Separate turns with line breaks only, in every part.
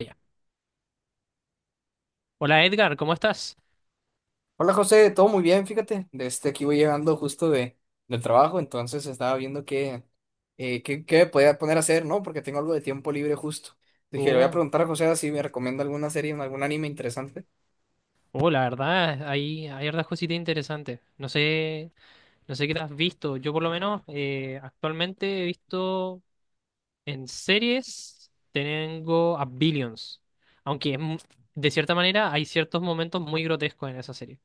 Ya. Hola Edgar, ¿cómo estás?
Hola José, todo muy bien, fíjate, desde aquí voy llegando justo del trabajo. Entonces estaba viendo qué me podía poner a hacer, ¿no? Porque tengo algo de tiempo libre justo. Dije, le voy a
Uh,
preguntar a José si me recomienda alguna serie, algún anime interesante.
la verdad, hay hartas cositas interesantes. No sé qué te has visto. Yo por lo menos actualmente he visto en series, tengo a Billions. Aunque de cierta manera hay ciertos momentos muy grotescos en esa serie.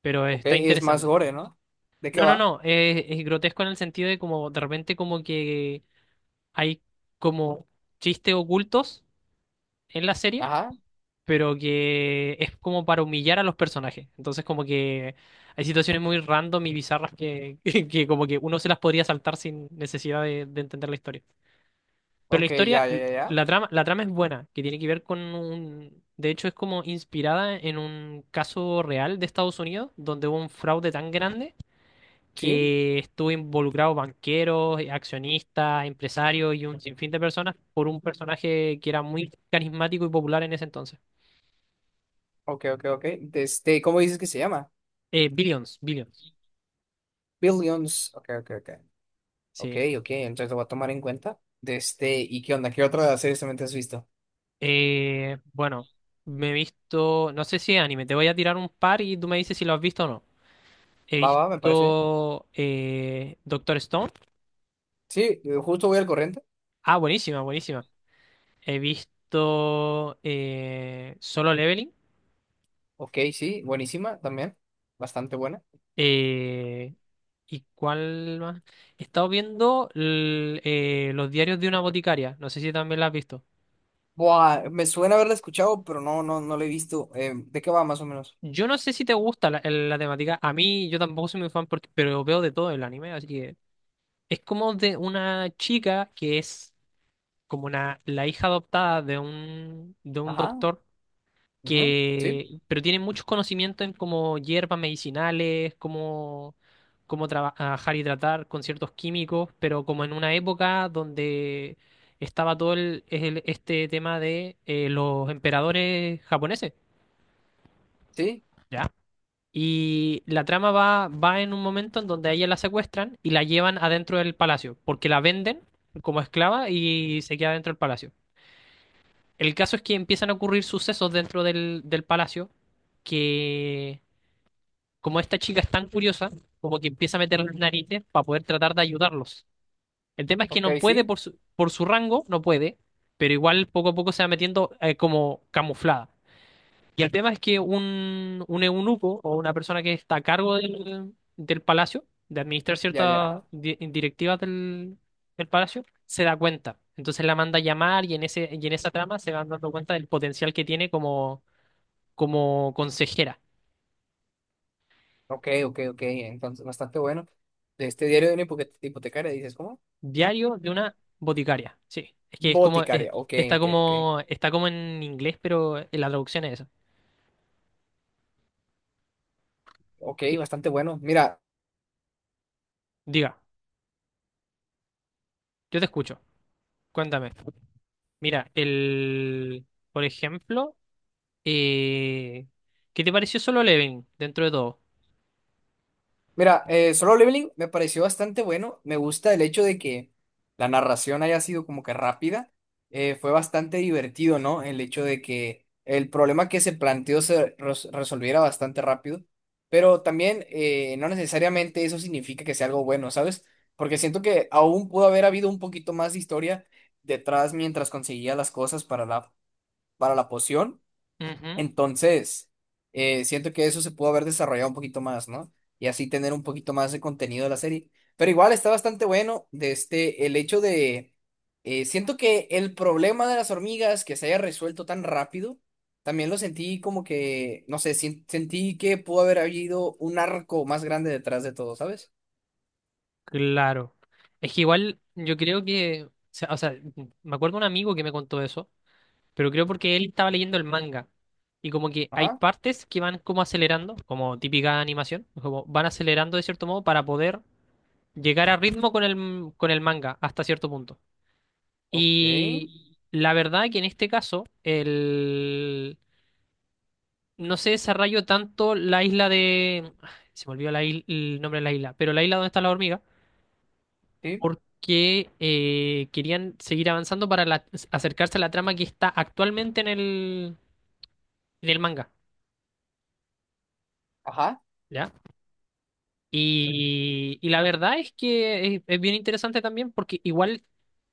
Pero
Ok,
está
es más
interesante.
gore, ¿no? ¿De qué
No, no,
va?
no. Es grotesco en el sentido de como de repente como que hay como chistes ocultos en la serie,
Ajá,
pero que es como para humillar a los personajes. Entonces, como que hay situaciones muy random y bizarras que, que como que uno se las podría saltar sin necesidad de entender la historia. Pero la
ok,
historia,
ya, ya,
l-
ya, ya.
la trama, la trama es buena, que tiene que ver con un. De hecho, es como inspirada en un caso real de Estados Unidos, donde hubo un fraude tan grande
Sí,
que estuvo involucrado banqueros, accionistas, empresarios y un sinfín de personas por un personaje que era muy carismático y popular en ese entonces.
ok, ok, ok. Este, ¿cómo dices que se llama?
Billions, Billions.
Billions. Ok, ok, ok. Ok,
Sí.
ok, entonces lo voy a tomar en cuenta. De este, ¿y qué onda? ¿Qué otra serie también te has visto?
Bueno, me he visto, no sé si es anime, te voy a tirar un par y tú me dices si lo has visto o no. He
Va, va, me parece.
visto Doctor Stone.
Sí, justo voy al corriente.
Ah, buenísima, buenísima. He visto Solo Leveling.
Ok, sí, buenísima también. Bastante buena.
Eh, ¿Y cuál más? He estado viendo Los diarios de una boticaria. No sé si también la has visto.
Buah, me suena haberla escuchado, pero no, no, no la he visto. ¿De qué va más o menos?
Yo no sé si te gusta la temática. A mí, yo tampoco soy muy fan, pero veo de todo el anime, así que es como de una chica que es como la hija adoptada de un
Ajá.
doctor,
Ujú, sí,
que, pero tiene muchos conocimientos en como hierbas medicinales, cómo trabajar y tratar con ciertos químicos, pero como en una época donde estaba todo este tema de los emperadores japoneses,
sí.
¿ya? Y la trama va en un momento en donde a ella la secuestran y la llevan adentro del palacio, porque la venden como esclava y se queda dentro del palacio. El caso es que empiezan a ocurrir sucesos dentro del palacio, que, como esta chica es tan curiosa, como que empieza a meter las narices para poder tratar de ayudarlos. El tema es que
Ok,
no puede
sí.
por su rango, no puede, pero igual poco a poco se va metiendo como camuflada. Y el tema es que un eunuco o una persona que está a cargo del palacio, de administrar
Ya, ya.
ciertas
Ajá,
directivas del palacio, se da cuenta. Entonces la manda a llamar y en esa trama se van dando cuenta del potencial que tiene como consejera.
ok, ok, ok. Entonces, bastante bueno. De este diario de una hipotecaria, dices, ¿cómo?
Diario de una boticaria. Sí, es que es como, es-
Boticaria. Ok, ok, ok.
está como en inglés, pero en la traducción es esa.
Ok,
Y-
bastante bueno. Mira.
Diga, yo te escucho. Cuéntame. Mira, por ejemplo. Eh, ¿Qué te pareció Solo Leveling dentro de todo?
Mira, Solo Leveling me pareció bastante bueno. Me gusta el hecho de que la narración haya sido como que rápida. Fue bastante divertido, ¿no? El hecho de que el problema que se planteó se resolviera bastante rápido. Pero también no necesariamente eso significa que sea algo bueno, ¿sabes? Porque siento que aún pudo haber habido un poquito más de historia detrás mientras conseguía las cosas para la poción.
Ujú.
Entonces, siento que eso se pudo haber desarrollado un poquito más, ¿no? Y así tener un poquito más de contenido de la serie. Pero igual está bastante bueno de este, el hecho de, siento que el problema de las hormigas que se haya resuelto tan rápido, también lo sentí como que, no sé, sentí que pudo haber habido un arco más grande detrás de todo, ¿sabes?
Claro. Es que igual yo creo que, o sea, me acuerdo un amigo que me contó eso, pero creo porque él estaba leyendo el manga. Y como que hay
Ajá,
partes que van como acelerando, como típica animación, como van acelerando de cierto modo para poder llegar a ritmo con el manga hasta cierto punto.
ok,
Y la verdad que en este caso, no se desarrolló tanto la isla. Se me olvidó el nombre de la isla, pero la isla donde está la hormiga,
sí,
porque querían seguir avanzando acercarse a la trama que está actualmente en el manga,
ajá,
¿ya? Y la verdad es que es bien interesante también, porque igual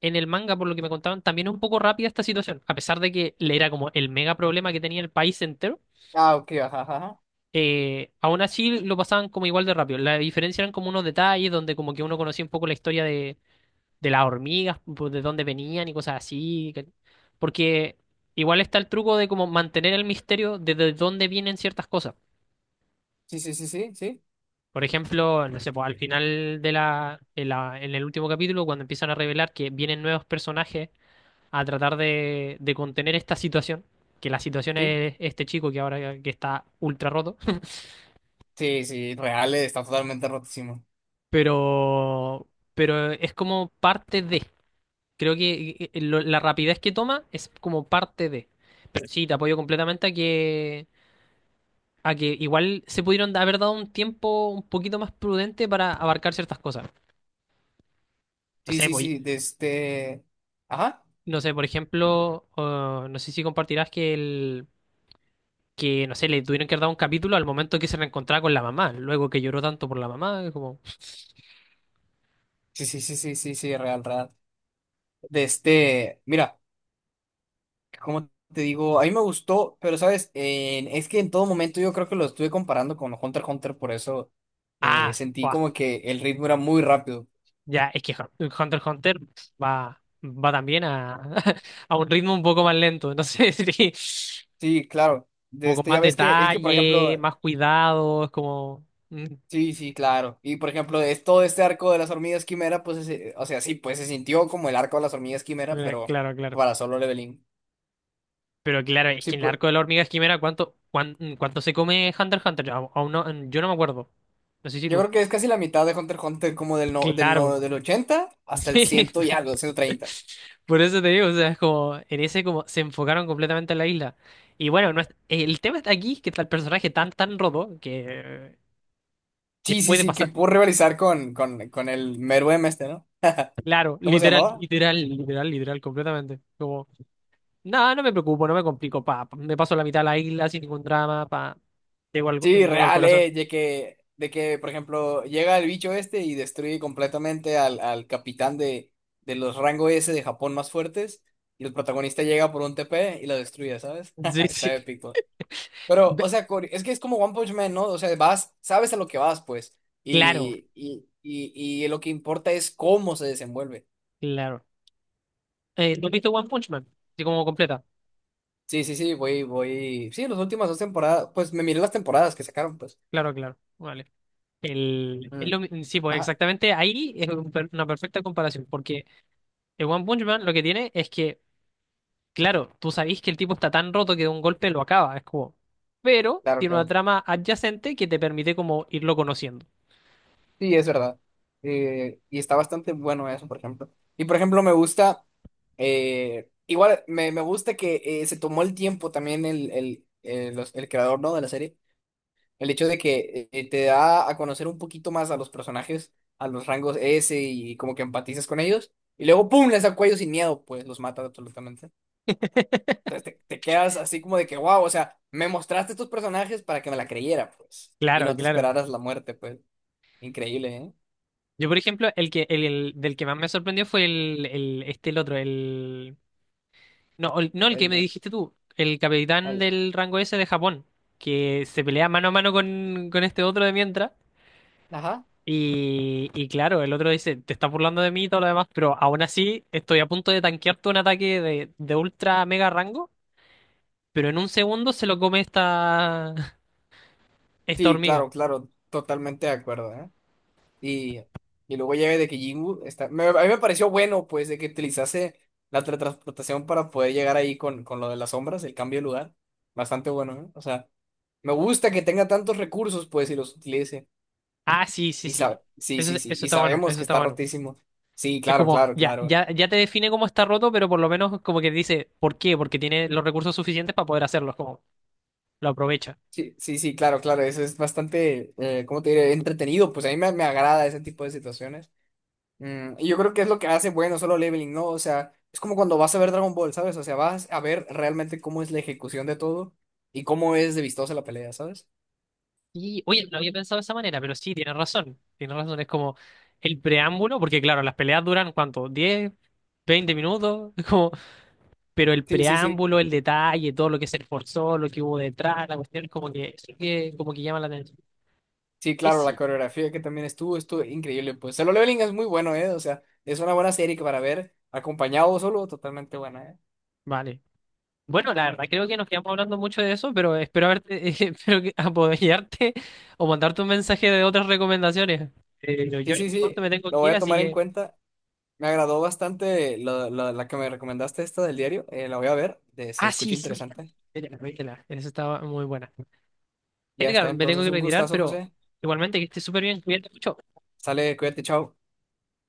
en el manga, por lo que me contaban, también es un poco rápida esta situación, a pesar de que le era como el mega problema que tenía el país entero,
ah, ok, ajá, ajá, ajá.
aún así lo pasaban como igual de rápido. La diferencia eran como unos detalles donde como que uno conocía un poco la historia de las hormigas, pues, de dónde venían y cosas así. Porque igual está el truco de como mantener el misterio de dónde vienen ciertas cosas.
Sí, sí, sí, sí, sí,
Por ejemplo, no sé, pues, al final de la- en el último capítulo, cuando empiezan a revelar que vienen nuevos personajes a tratar de contener esta situación, que la situación
sí,
es este chico que ahora que está ultra roto.
sí, sí, real, está totalmente rotísimo.
pero, pero es como parte de. Creo que la rapidez que toma es como parte de. Pero sí, te apoyo completamente a que igual se pudieron haber dado un tiempo un poquito más prudente para abarcar ciertas cosas. No
Sí,
sé,
sí,
pues,
sí, de este. Ajá.
no sé, por ejemplo, oh, no sé si compartirás que el que, no sé, le tuvieron que haber dado un capítulo al momento que se reencontraba con la mamá, luego que lloró tanto por la mamá, es como,
Sí, sí, sí, sí, sí, sí, real, real. De este. Mira, como te digo, a mí me gustó, pero sabes, es que en todo momento yo creo que lo estuve comparando con Hunter x Hunter, por eso
ah,
sentí como que el ritmo era muy rápido.
Ya, es que Hunter x Hunter va también a, a un ritmo un poco más lento. Entonces, sí,
Sí, claro. De
como con
este,
más
ya ves que, es que, por ejemplo,
detalle, más cuidado, es como.
sí, sí, claro. Y por ejemplo, es todo este arco de las hormigas quimera, pues, o sea, sí, pues se sintió como el arco de las hormigas quimera,
Mira,
pero
claro, claro.
para solo leveling.
Pero claro, es
Sí,
que en el
pues.
arco de la hormiga esquimera, ¿cuánto se come Hunter x Hunter? Yo aún no, yo no me acuerdo. No sé si
Yo
tú.
creo que es casi la mitad de Hunter x Hunter, como del, no, del,
Claro.
no, del 80 hasta el
Sí.
100 y algo, 130.
Por eso te digo, o sea, es como. En ese, como. Se enfocaron completamente en la isla. Y bueno, no es- el tema está aquí, que está el personaje tan, tan roto, que
Sí, sí,
puede
sí, que
pasar,
pudo rivalizar con el Meruem este, ¿no?
claro,
¿Cómo se
literal,
llamaba?
literal, literal, literal, completamente. Como, nada, no me preocupo, no me complico, pa, pa, me paso la mitad de la isla sin ningún drama, pa, llego al,
Sí,
llego al
real,
corazón.
¿eh? De que, por ejemplo, llega el bicho este y destruye completamente al capitán de los rango S de Japón más fuertes, y el protagonista llega por un TP y lo destruye, ¿sabes?
Sí, sí.
Está épico. Pero,
Ve-
o sea, es que es como One Punch Man, ¿no? O sea, vas, sabes a lo que vas, pues.
Claro,
Y lo que importa es cómo se desenvuelve.
claro. ¿No has visto One Punch Man? Así como completa.
Sí, sí, sí, voy, voy. Sí, las últimas dos temporadas, pues me miré las temporadas que sacaron, pues.
Claro, claro, vale. El, es
Mm.
lo mi- Sí, pues
Ajá,
exactamente ahí es una perfecta comparación, porque el One Punch Man lo que tiene es que. Claro, tú sabés que el tipo está tan roto que de un golpe lo acaba, es como. Pero
claro,
tiene una
claro.
trama adyacente que te permite como irlo conociendo.
Sí, es verdad. Y está bastante bueno eso, por ejemplo. Y por ejemplo, me gusta, igual me gusta que se tomó el tiempo también el creador, ¿no? De la serie. El hecho de que te da a conocer un poquito más a los personajes, a los rangos S y como que empatizas con ellos. Y luego, ¡pum!, les da cuello sin miedo, pues los mata absolutamente. Te quedas así como de que, wow, o sea, me mostraste estos personajes para que me la creyera, pues. Y
Claro,
no te
claro.
esperaras la muerte, pues. Increíble, ¿eh?
Yo, por ejemplo, el que, el- del que más me sorprendió fue el otro. No, el que
El-
me
el-
dijiste tú, el capitán
el-
del rango S de Japón, que se pelea mano a mano con este otro de mientras.
Ajá.
Y claro, el otro dice, te estás burlando de mí y todo lo demás, pero aún así estoy a punto de tanquearte un ataque de ultra mega rango, pero en un segundo se lo come esta, esta
Sí,
hormiga.
claro, claro, totalmente de acuerdo, ¿eh? Y, y luego ya de que Jingu está. A mí me pareció bueno, pues, de que utilizase la teletransportación para poder llegar ahí con, lo de las sombras, el cambio de lugar. Bastante bueno, ¿eh? O sea, me gusta que tenga tantos recursos, pues, y los utilice.
Ah, sí, sí, sí.
Sí,
Eso,
sí, sí.
eso
Y
está bueno,
sabemos
eso
que
está
está
bueno.
rotísimo. Sí,
Es
claro,
como,
claro,
ya,
claro.
ya, ya te define cómo está roto, pero por lo menos como que dice, ¿por qué? Porque tiene los recursos suficientes para poder hacerlo, es como, lo aprovecha.
Sí, sí, sí, claro, claro. Eso es bastante, ¿cómo te diré? Entretenido. Pues a mí me agrada ese tipo de situaciones. Mm, y yo creo que es lo que hace bueno Solo Leveling, ¿no? O sea, es como cuando vas a ver Dragon Ball, ¿sabes? O sea, vas a ver realmente cómo es la ejecución de todo y cómo es de vistosa la pelea, ¿sabes?
Y, oye, no había pensado de esa manera, pero sí, tienes razón. Tienes razón, es como el preámbulo, porque claro, las peleas duran, ¿cuánto? ¿10 20 minutos? Es como, pero el
Sí, sí, sí.
preámbulo, el detalle, todo lo que se esforzó, lo que hubo detrás, la cuestión, como que, eso que, como que llama la atención.
Sí, claro, la
Sí.
coreografía que también estuvo increíble. Pues Solo Leveling es muy bueno, ¿eh? O sea, es una buena serie que para ver acompañado o solo, totalmente buena, ¿eh?
Vale. Bueno, la verdad creo que nos quedamos hablando mucho de eso, pero espero haberte, espero apoyarte o mandarte un mensaje de otras recomendaciones. Pero yo
Sí,
en
sí,
este
sí,
momento me tengo
lo
que
voy
ir,
a
así
tomar en
que.
cuenta. Me agradó bastante la que me recomendaste esta del diario. La voy a ver, se
Ah,
escucha
sí, sí.
interesante.
Vítela, vítela. Esa estaba muy buena.
Ya está,
Edgar, me tengo
entonces
que
un
retirar,
gustazo,
pero
José.
igualmente que estés súper bien. Cuídate mucho.
Sale, cuídate, chao.